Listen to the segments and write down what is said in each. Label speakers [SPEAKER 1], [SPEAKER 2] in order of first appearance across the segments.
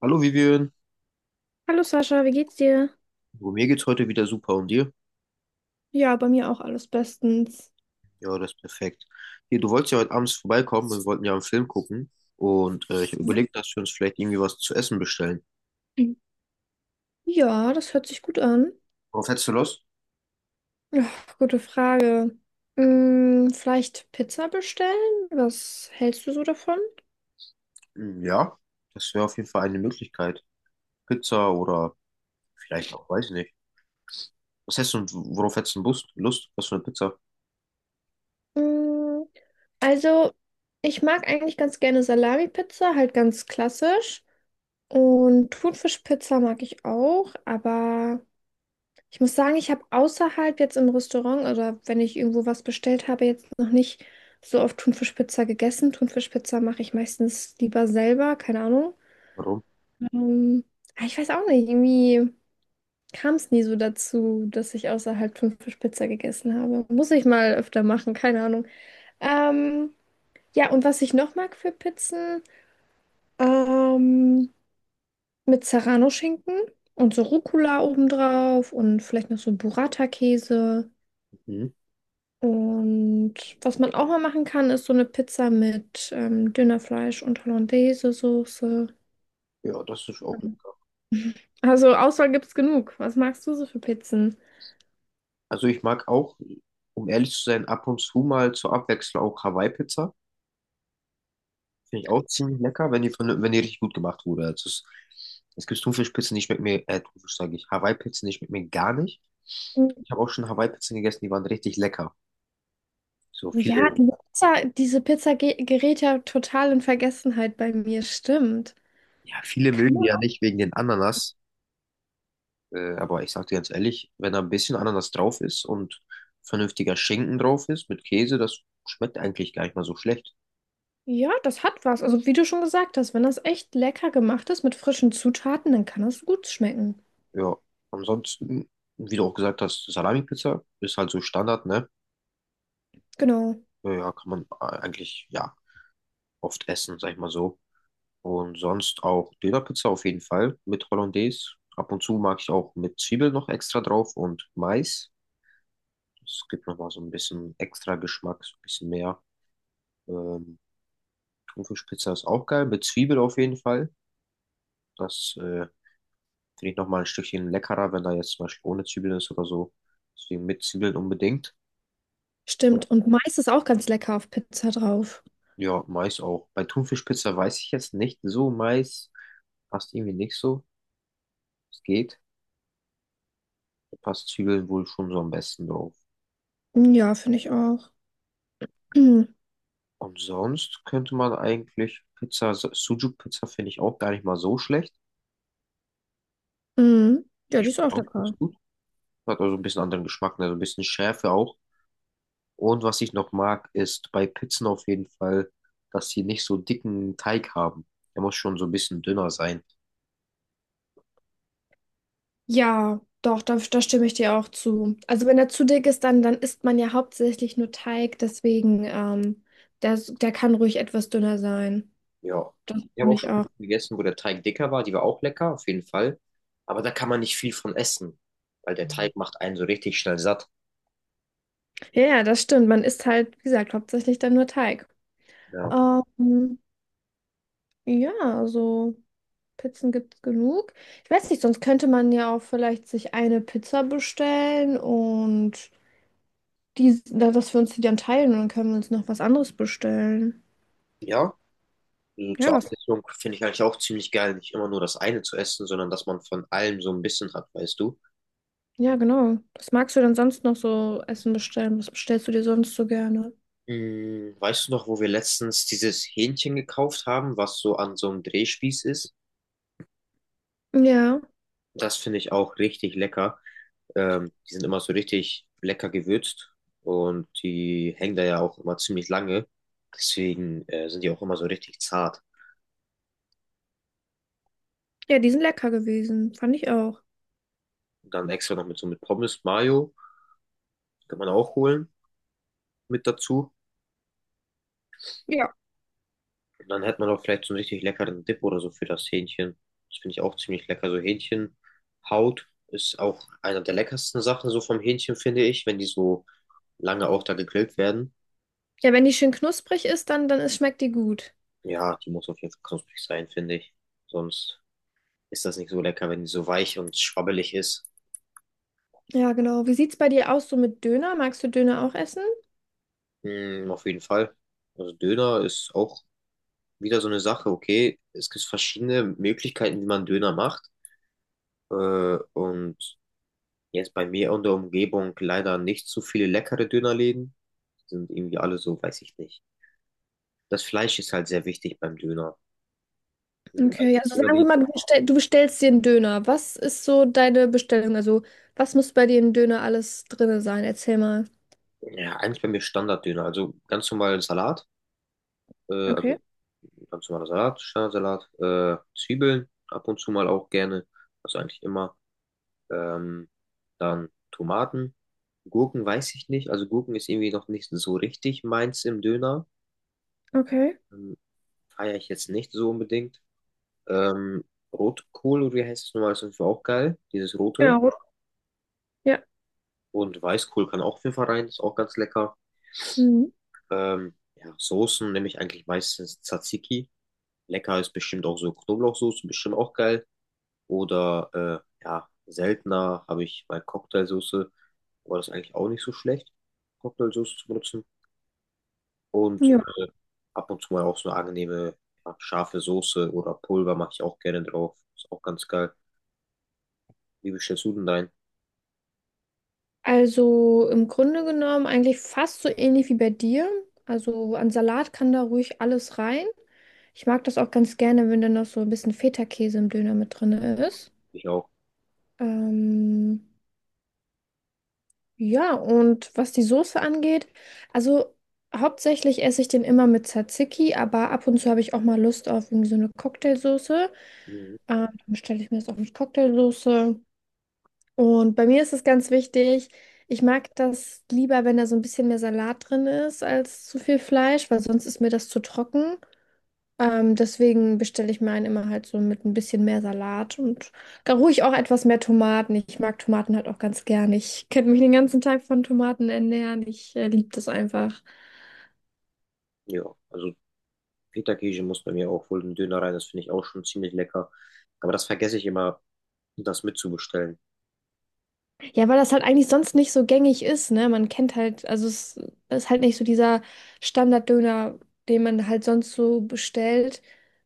[SPEAKER 1] Hallo Vivian,
[SPEAKER 2] Hallo Sascha, wie geht's dir?
[SPEAKER 1] oh, mir geht's heute wieder super und dir?
[SPEAKER 2] Ja, bei mir auch alles bestens.
[SPEAKER 1] Ja, das ist perfekt. Hier, du wolltest ja heute abends vorbeikommen und wir wollten ja einen Film gucken und ich habe überlegt, dass wir uns vielleicht irgendwie was zu essen bestellen.
[SPEAKER 2] Mhm. Ja, das hört sich gut an.
[SPEAKER 1] Worauf hättest du Lust?
[SPEAKER 2] Ja, gute Frage. Vielleicht Pizza bestellen? Was hältst du so davon?
[SPEAKER 1] Hm, ja, das wäre auf jeden Fall eine Möglichkeit. Pizza oder vielleicht auch, weiß ich nicht. Was hättest du, worauf hättest du Lust? Was für eine Pizza?
[SPEAKER 2] Mm, also, ich mag eigentlich ganz gerne Salami-Pizza, halt ganz klassisch. Und Thunfischpizza mag ich auch, aber ich muss sagen, ich habe außerhalb jetzt im Restaurant oder wenn ich irgendwo was bestellt habe, jetzt noch nicht so oft Thunfischpizza gegessen. Thunfischpizza mache ich meistens lieber selber, keine Ahnung.
[SPEAKER 1] Warum?
[SPEAKER 2] Ähm, aber ich weiß auch nicht, irgendwie kam es nie so dazu, dass ich außerhalb Thunfischpizza gegessen habe. Muss ich mal öfter machen, keine Ahnung. Ähm, ja, und was ich noch mag für Pizzen, ähm, mit Serrano-Schinken und so Rucola obendrauf und vielleicht noch so Burrata-Käse.
[SPEAKER 1] Mhm.
[SPEAKER 2] Und was man auch mal machen kann, ist so eine Pizza mit Dönerfleisch und Hollandaise-Soße.
[SPEAKER 1] Ja, das ist auch lecker.
[SPEAKER 2] Also Auswahl gibt's genug. Was magst du so für Pizzen?
[SPEAKER 1] Also ich mag auch, um ehrlich zu sein, ab und zu mal zur Abwechslung auch Hawaii-Pizza. Finde ich auch ziemlich lecker, wenn die, wenn die richtig gut gemacht wurde. Es gibt Thunfischpizzen, die schmecken mir, Hawaii-Pizzen, die schmecken mir gar nicht.
[SPEAKER 2] Mm,
[SPEAKER 1] Ich habe auch schon Hawaii-Pizzen gegessen, die waren richtig lecker. So
[SPEAKER 2] ja,
[SPEAKER 1] viele,
[SPEAKER 2] diese Pizza gerät ja total in Vergessenheit bei mir, stimmt.
[SPEAKER 1] ja, viele
[SPEAKER 2] Kann
[SPEAKER 1] mögen die
[SPEAKER 2] man
[SPEAKER 1] ja
[SPEAKER 2] auch?
[SPEAKER 1] nicht wegen den Ananas. Aber ich sage dir ganz ehrlich, wenn da ein bisschen Ananas drauf ist und vernünftiger Schinken drauf ist mit Käse, das schmeckt eigentlich gar nicht mal so schlecht.
[SPEAKER 2] Ja, das hat was. Also wie du schon gesagt hast, wenn das echt lecker gemacht ist mit frischen Zutaten, dann kann das gut schmecken.
[SPEAKER 1] Ja, ansonsten, wie du auch gesagt hast, Salami-Pizza ist halt so Standard, ne?
[SPEAKER 2] Genau,
[SPEAKER 1] Ja, kann man eigentlich, ja, oft essen, sag ich mal so. Und sonst auch Dönerpizza auf jeden Fall mit Hollandaise. Ab und zu mag ich auch mit Zwiebel noch extra drauf und Mais. Es gibt nochmal so ein bisschen extra Geschmack, so ein bisschen mehr. Ähm, Thunfischpizza ist auch geil, mit Zwiebel auf jeden Fall. Das finde ich nochmal ein Stückchen leckerer, wenn da jetzt zum Beispiel ohne Zwiebeln ist oder so. Deswegen mit Zwiebeln unbedingt.
[SPEAKER 2] stimmt. Und Mais ist auch ganz lecker auf Pizza drauf.
[SPEAKER 1] Ja, Mais auch. Bei Thunfischpizza weiß ich jetzt nicht so. Mais passt irgendwie nicht so. Es geht. Da passt Zwiebeln wohl schon so am besten drauf.
[SPEAKER 2] Mm, ja, finde ich auch.
[SPEAKER 1] Und sonst könnte man eigentlich Pizza, Sujuk-Pizza finde ich auch gar nicht mal so schlecht.
[SPEAKER 2] Mhm. Ja,
[SPEAKER 1] Die
[SPEAKER 2] die ist
[SPEAKER 1] schmeckt
[SPEAKER 2] auch
[SPEAKER 1] auch ganz
[SPEAKER 2] lecker.
[SPEAKER 1] gut. Hat also ein bisschen anderen Geschmack, ne? Also ein bisschen Schärfe auch. Und was ich noch mag, ist bei Pizzen auf jeden Fall, dass sie nicht so dicken Teig haben. Der muss schon so ein bisschen dünner sein.
[SPEAKER 2] Ja, doch, da stimme ich dir auch zu. Also wenn er zu dick ist, dann isst man ja hauptsächlich nur Teig, deswegen, der kann ruhig etwas dünner sein.
[SPEAKER 1] Ja.
[SPEAKER 2] Das
[SPEAKER 1] Ich habe
[SPEAKER 2] finde
[SPEAKER 1] auch
[SPEAKER 2] ich
[SPEAKER 1] schon
[SPEAKER 2] auch.
[SPEAKER 1] Pizzen gegessen, wo der Teig dicker war. Die war auch lecker, auf jeden Fall. Aber da kann man nicht viel von essen, weil der Teig macht einen so richtig schnell satt.
[SPEAKER 2] Ja, ja, das stimmt. Man isst halt, wie gesagt, hauptsächlich dann nur Teig.
[SPEAKER 1] Ja.
[SPEAKER 2] Ähm, ja, also Pizzen gibt es genug. Ich weiß nicht, sonst könnte man ja auch vielleicht sich eine Pizza bestellen und dass wir uns die dann teilen und dann können wir uns noch was anderes bestellen.
[SPEAKER 1] Ja, so
[SPEAKER 2] Ja,
[SPEAKER 1] zur
[SPEAKER 2] was?
[SPEAKER 1] Abwechslung finde ich eigentlich auch ziemlich geil, nicht immer nur das eine zu essen, sondern dass man von allem so ein bisschen hat, weißt du?
[SPEAKER 2] Ja, genau. Was magst du denn sonst noch so Essen bestellen? Was bestellst du dir sonst so gerne?
[SPEAKER 1] Hm, weißt du noch, wo wir letztens dieses Hähnchen gekauft haben, was so an so einem Drehspieß ist?
[SPEAKER 2] Ja,
[SPEAKER 1] Das finde ich auch richtig lecker. Die sind immer so richtig lecker gewürzt und die hängen da ja auch immer ziemlich lange. Deswegen sind die auch immer so richtig zart.
[SPEAKER 2] ja, die sind lecker gewesen. Fand ich auch.
[SPEAKER 1] Dann extra noch mit so mit Pommes, Mayo, kann man auch holen mit dazu.
[SPEAKER 2] Ja.
[SPEAKER 1] Und dann hat man auch vielleicht so einen richtig leckeren Dip oder so für das Hähnchen. Das finde ich auch ziemlich lecker. So Hähnchenhaut ist auch einer der leckersten Sachen so vom Hähnchen, finde ich, wenn die so lange auch da gegrillt werden.
[SPEAKER 2] Ja, wenn die schön knusprig ist, dann ist, schmeckt die gut.
[SPEAKER 1] Ja, die muss auf jeden Fall knusprig sein, finde ich. Sonst ist das nicht so lecker, wenn die so weich und schwabbelig ist.
[SPEAKER 2] Ja, genau. Wie sieht's bei dir aus so mit Döner? Magst du Döner auch essen?
[SPEAKER 1] Mm, auf jeden Fall. Also Döner ist auch wieder so eine Sache, okay. Es gibt verschiedene Möglichkeiten, wie man Döner macht. Äh, und jetzt bei mir in der Umgebung leider nicht so viele leckere Dönerläden. Die sind irgendwie alle so, weiß ich nicht. Das Fleisch ist halt sehr wichtig beim Döner. Die
[SPEAKER 2] Okay, ja,
[SPEAKER 1] meisten
[SPEAKER 2] also sagen wir
[SPEAKER 1] Dönerläden,
[SPEAKER 2] mal, du bestellst dir einen Döner. Was ist so deine Bestellung? Also, was muss bei dir im Döner alles drin sein? Erzähl mal.
[SPEAKER 1] ja, eigentlich bei mir Standarddöner. Also ganz normalen Salat, äh,
[SPEAKER 2] Okay.
[SPEAKER 1] also ganz normaler Salat, Standardsalat, Zwiebeln, ab und zu mal auch gerne, also eigentlich immer. Ähm, dann Tomaten, Gurken weiß ich nicht. Also Gurken ist irgendwie noch nicht so richtig meins im Döner.
[SPEAKER 2] Okay.
[SPEAKER 1] Ähm, feiere ich jetzt nicht so unbedingt. Ähm, Rotkohl, oder wie heißt es nochmal, ist auf jeden Fall auch geil, dieses rote.
[SPEAKER 2] Genau. Ja.
[SPEAKER 1] Und Weißkohl kann auch auf jeden Fall rein, ist auch ganz lecker.
[SPEAKER 2] Mhm.
[SPEAKER 1] Ja, Soßen nehme ich eigentlich meistens Tzatziki. Lecker ist bestimmt auch so Knoblauchsoße, bestimmt auch geil. Oder ja, seltener habe ich mal Cocktailsoße, aber das ist eigentlich auch nicht so schlecht, Cocktailsoße zu benutzen. Und
[SPEAKER 2] Ja.
[SPEAKER 1] äh, ab und zu mal auch so eine angenehme, ja, scharfe Soße oder Pulver mache ich auch gerne drauf. Ist auch ganz geil. Wie bestellst du denn dein?
[SPEAKER 2] Also im Grunde genommen eigentlich fast so ähnlich wie bei dir. Also an Salat kann da ruhig alles rein. Ich mag das auch ganz gerne, wenn da noch so ein bisschen Feta-Käse im Döner mit drin ist.
[SPEAKER 1] Ich auch.
[SPEAKER 2] Ähm, ja, und was die Soße angeht, also hauptsächlich esse ich den immer mit Tzatziki, aber ab und zu habe ich auch mal Lust auf irgendwie so eine Cocktailsoße.
[SPEAKER 1] Mhm.
[SPEAKER 2] Dann bestelle ich mir das auch mit Cocktailsoße. Und bei mir ist es ganz wichtig, ich mag das lieber, wenn da so ein bisschen mehr Salat drin ist, als zu viel Fleisch, weil sonst ist mir das zu trocken. Deswegen bestelle ich meinen immer halt so mit ein bisschen mehr Salat und gar ruhig auch etwas mehr Tomaten. Ich mag Tomaten halt auch ganz gern. Ich könnte mich den ganzen Tag von Tomaten ernähren. Ich liebe das einfach.
[SPEAKER 1] Ja, also Feta-Käse muss bei mir auch wohl ein Döner rein, das finde ich auch schon ziemlich lecker. Aber das vergesse ich immer, das mitzubestellen.
[SPEAKER 2] Ja, weil das halt eigentlich sonst nicht so gängig ist, ne? Man kennt halt, also es ist halt nicht so dieser Standarddöner, den man halt sonst so bestellt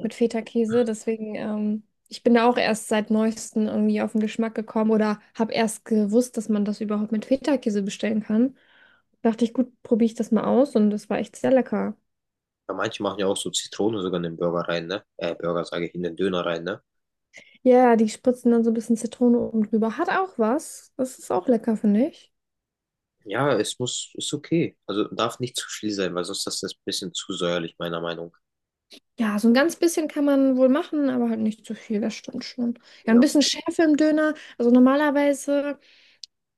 [SPEAKER 2] mit Feta-Käse. Deswegen, ich bin da auch erst seit neuestem irgendwie auf den Geschmack gekommen oder habe erst gewusst, dass man das überhaupt mit Feta-Käse bestellen kann. Dachte ich, gut, probiere ich das mal aus und das war echt sehr lecker.
[SPEAKER 1] Weil manche machen ja auch so Zitrone sogar in den Burger rein, ne? In den Döner rein, ne?
[SPEAKER 2] Ja, die spritzen dann so ein bisschen Zitrone oben drüber. Hat auch was. Das ist auch lecker, finde ich.
[SPEAKER 1] Ja, es muss, ist okay. Also darf nicht zu viel sein, weil sonst ist das ein bisschen zu säuerlich, meiner Meinung.
[SPEAKER 2] Ja, so ein ganz bisschen kann man wohl machen, aber halt nicht zu viel, das stimmt schon. Ja, ein
[SPEAKER 1] Ja,
[SPEAKER 2] bisschen Schärfe im Döner. Also normalerweise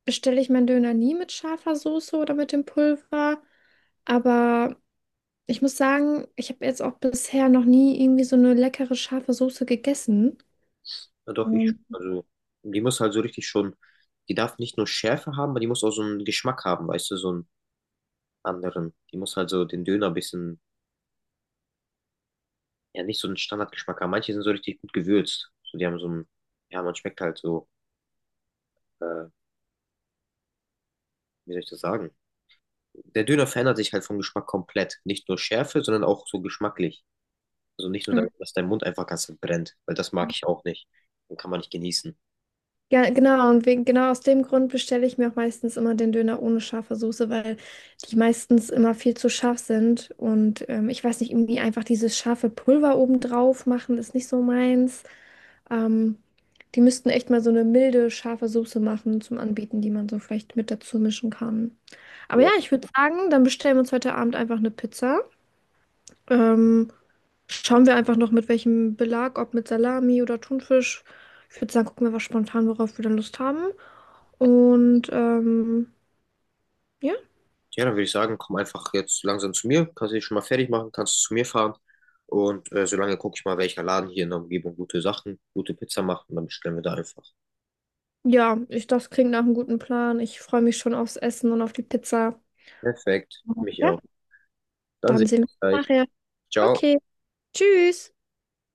[SPEAKER 2] bestelle ich meinen Döner nie mit scharfer Soße oder mit dem Pulver. Aber ich muss sagen, ich habe jetzt auch bisher noch nie irgendwie so eine leckere scharfe Soße gegessen.
[SPEAKER 1] ja doch,
[SPEAKER 2] Ähm,
[SPEAKER 1] also die muss halt so richtig schon, die darf nicht nur Schärfe haben, aber die muss auch so einen Geschmack haben, weißt du, so einen anderen. Die muss halt so den Döner ein bisschen ja nicht so einen Standardgeschmack haben. Manche sind so richtig gut gewürzt. So, die haben so einen, ja, man schmeckt halt so, äh, wie soll ich das sagen? Der Döner verändert sich halt vom Geschmack komplett. Nicht nur Schärfe, sondern auch so geschmacklich. Also nicht nur, dass dein Mund einfach ganz brennt, weil das mag ich auch nicht. Dann kann man nicht genießen.
[SPEAKER 2] Ja, genau, genau aus dem Grund bestelle ich mir auch meistens immer den Döner ohne scharfe Soße, weil die meistens immer viel zu scharf sind. Und ich weiß nicht, irgendwie einfach dieses scharfe Pulver obendrauf machen, ist nicht so meins. Ähm, Die müssten echt mal so eine milde, scharfe Soße machen zum Anbieten, die man so vielleicht mit dazu mischen kann. Aber
[SPEAKER 1] Ja,
[SPEAKER 2] ja, ich würde sagen, dann bestellen wir uns heute Abend einfach eine Pizza. Ähm, Schauen wir einfach noch mit welchem Belag, ob mit Salami oder Thunfisch. Ich würde sagen, gucken wir was spontan, worauf wir dann Lust haben. Und ja,
[SPEAKER 1] ja dann würde ich sagen, komm einfach jetzt langsam zu mir, kannst dich schon mal fertig machen, kannst zu mir fahren. Und solange gucke ich mal, welcher Laden hier in der Umgebung gute Sachen, gute Pizza macht und dann bestellen wir da einfach.
[SPEAKER 2] das klingt nach einem guten Plan. Ich freue mich schon aufs Essen und auf die Pizza.
[SPEAKER 1] Perfekt, mich
[SPEAKER 2] Ja.
[SPEAKER 1] auch. Dann
[SPEAKER 2] Dann
[SPEAKER 1] sehen wir
[SPEAKER 2] sehen
[SPEAKER 1] uns
[SPEAKER 2] wir
[SPEAKER 1] gleich.
[SPEAKER 2] uns nachher.
[SPEAKER 1] Ciao.
[SPEAKER 2] Okay, tschüss.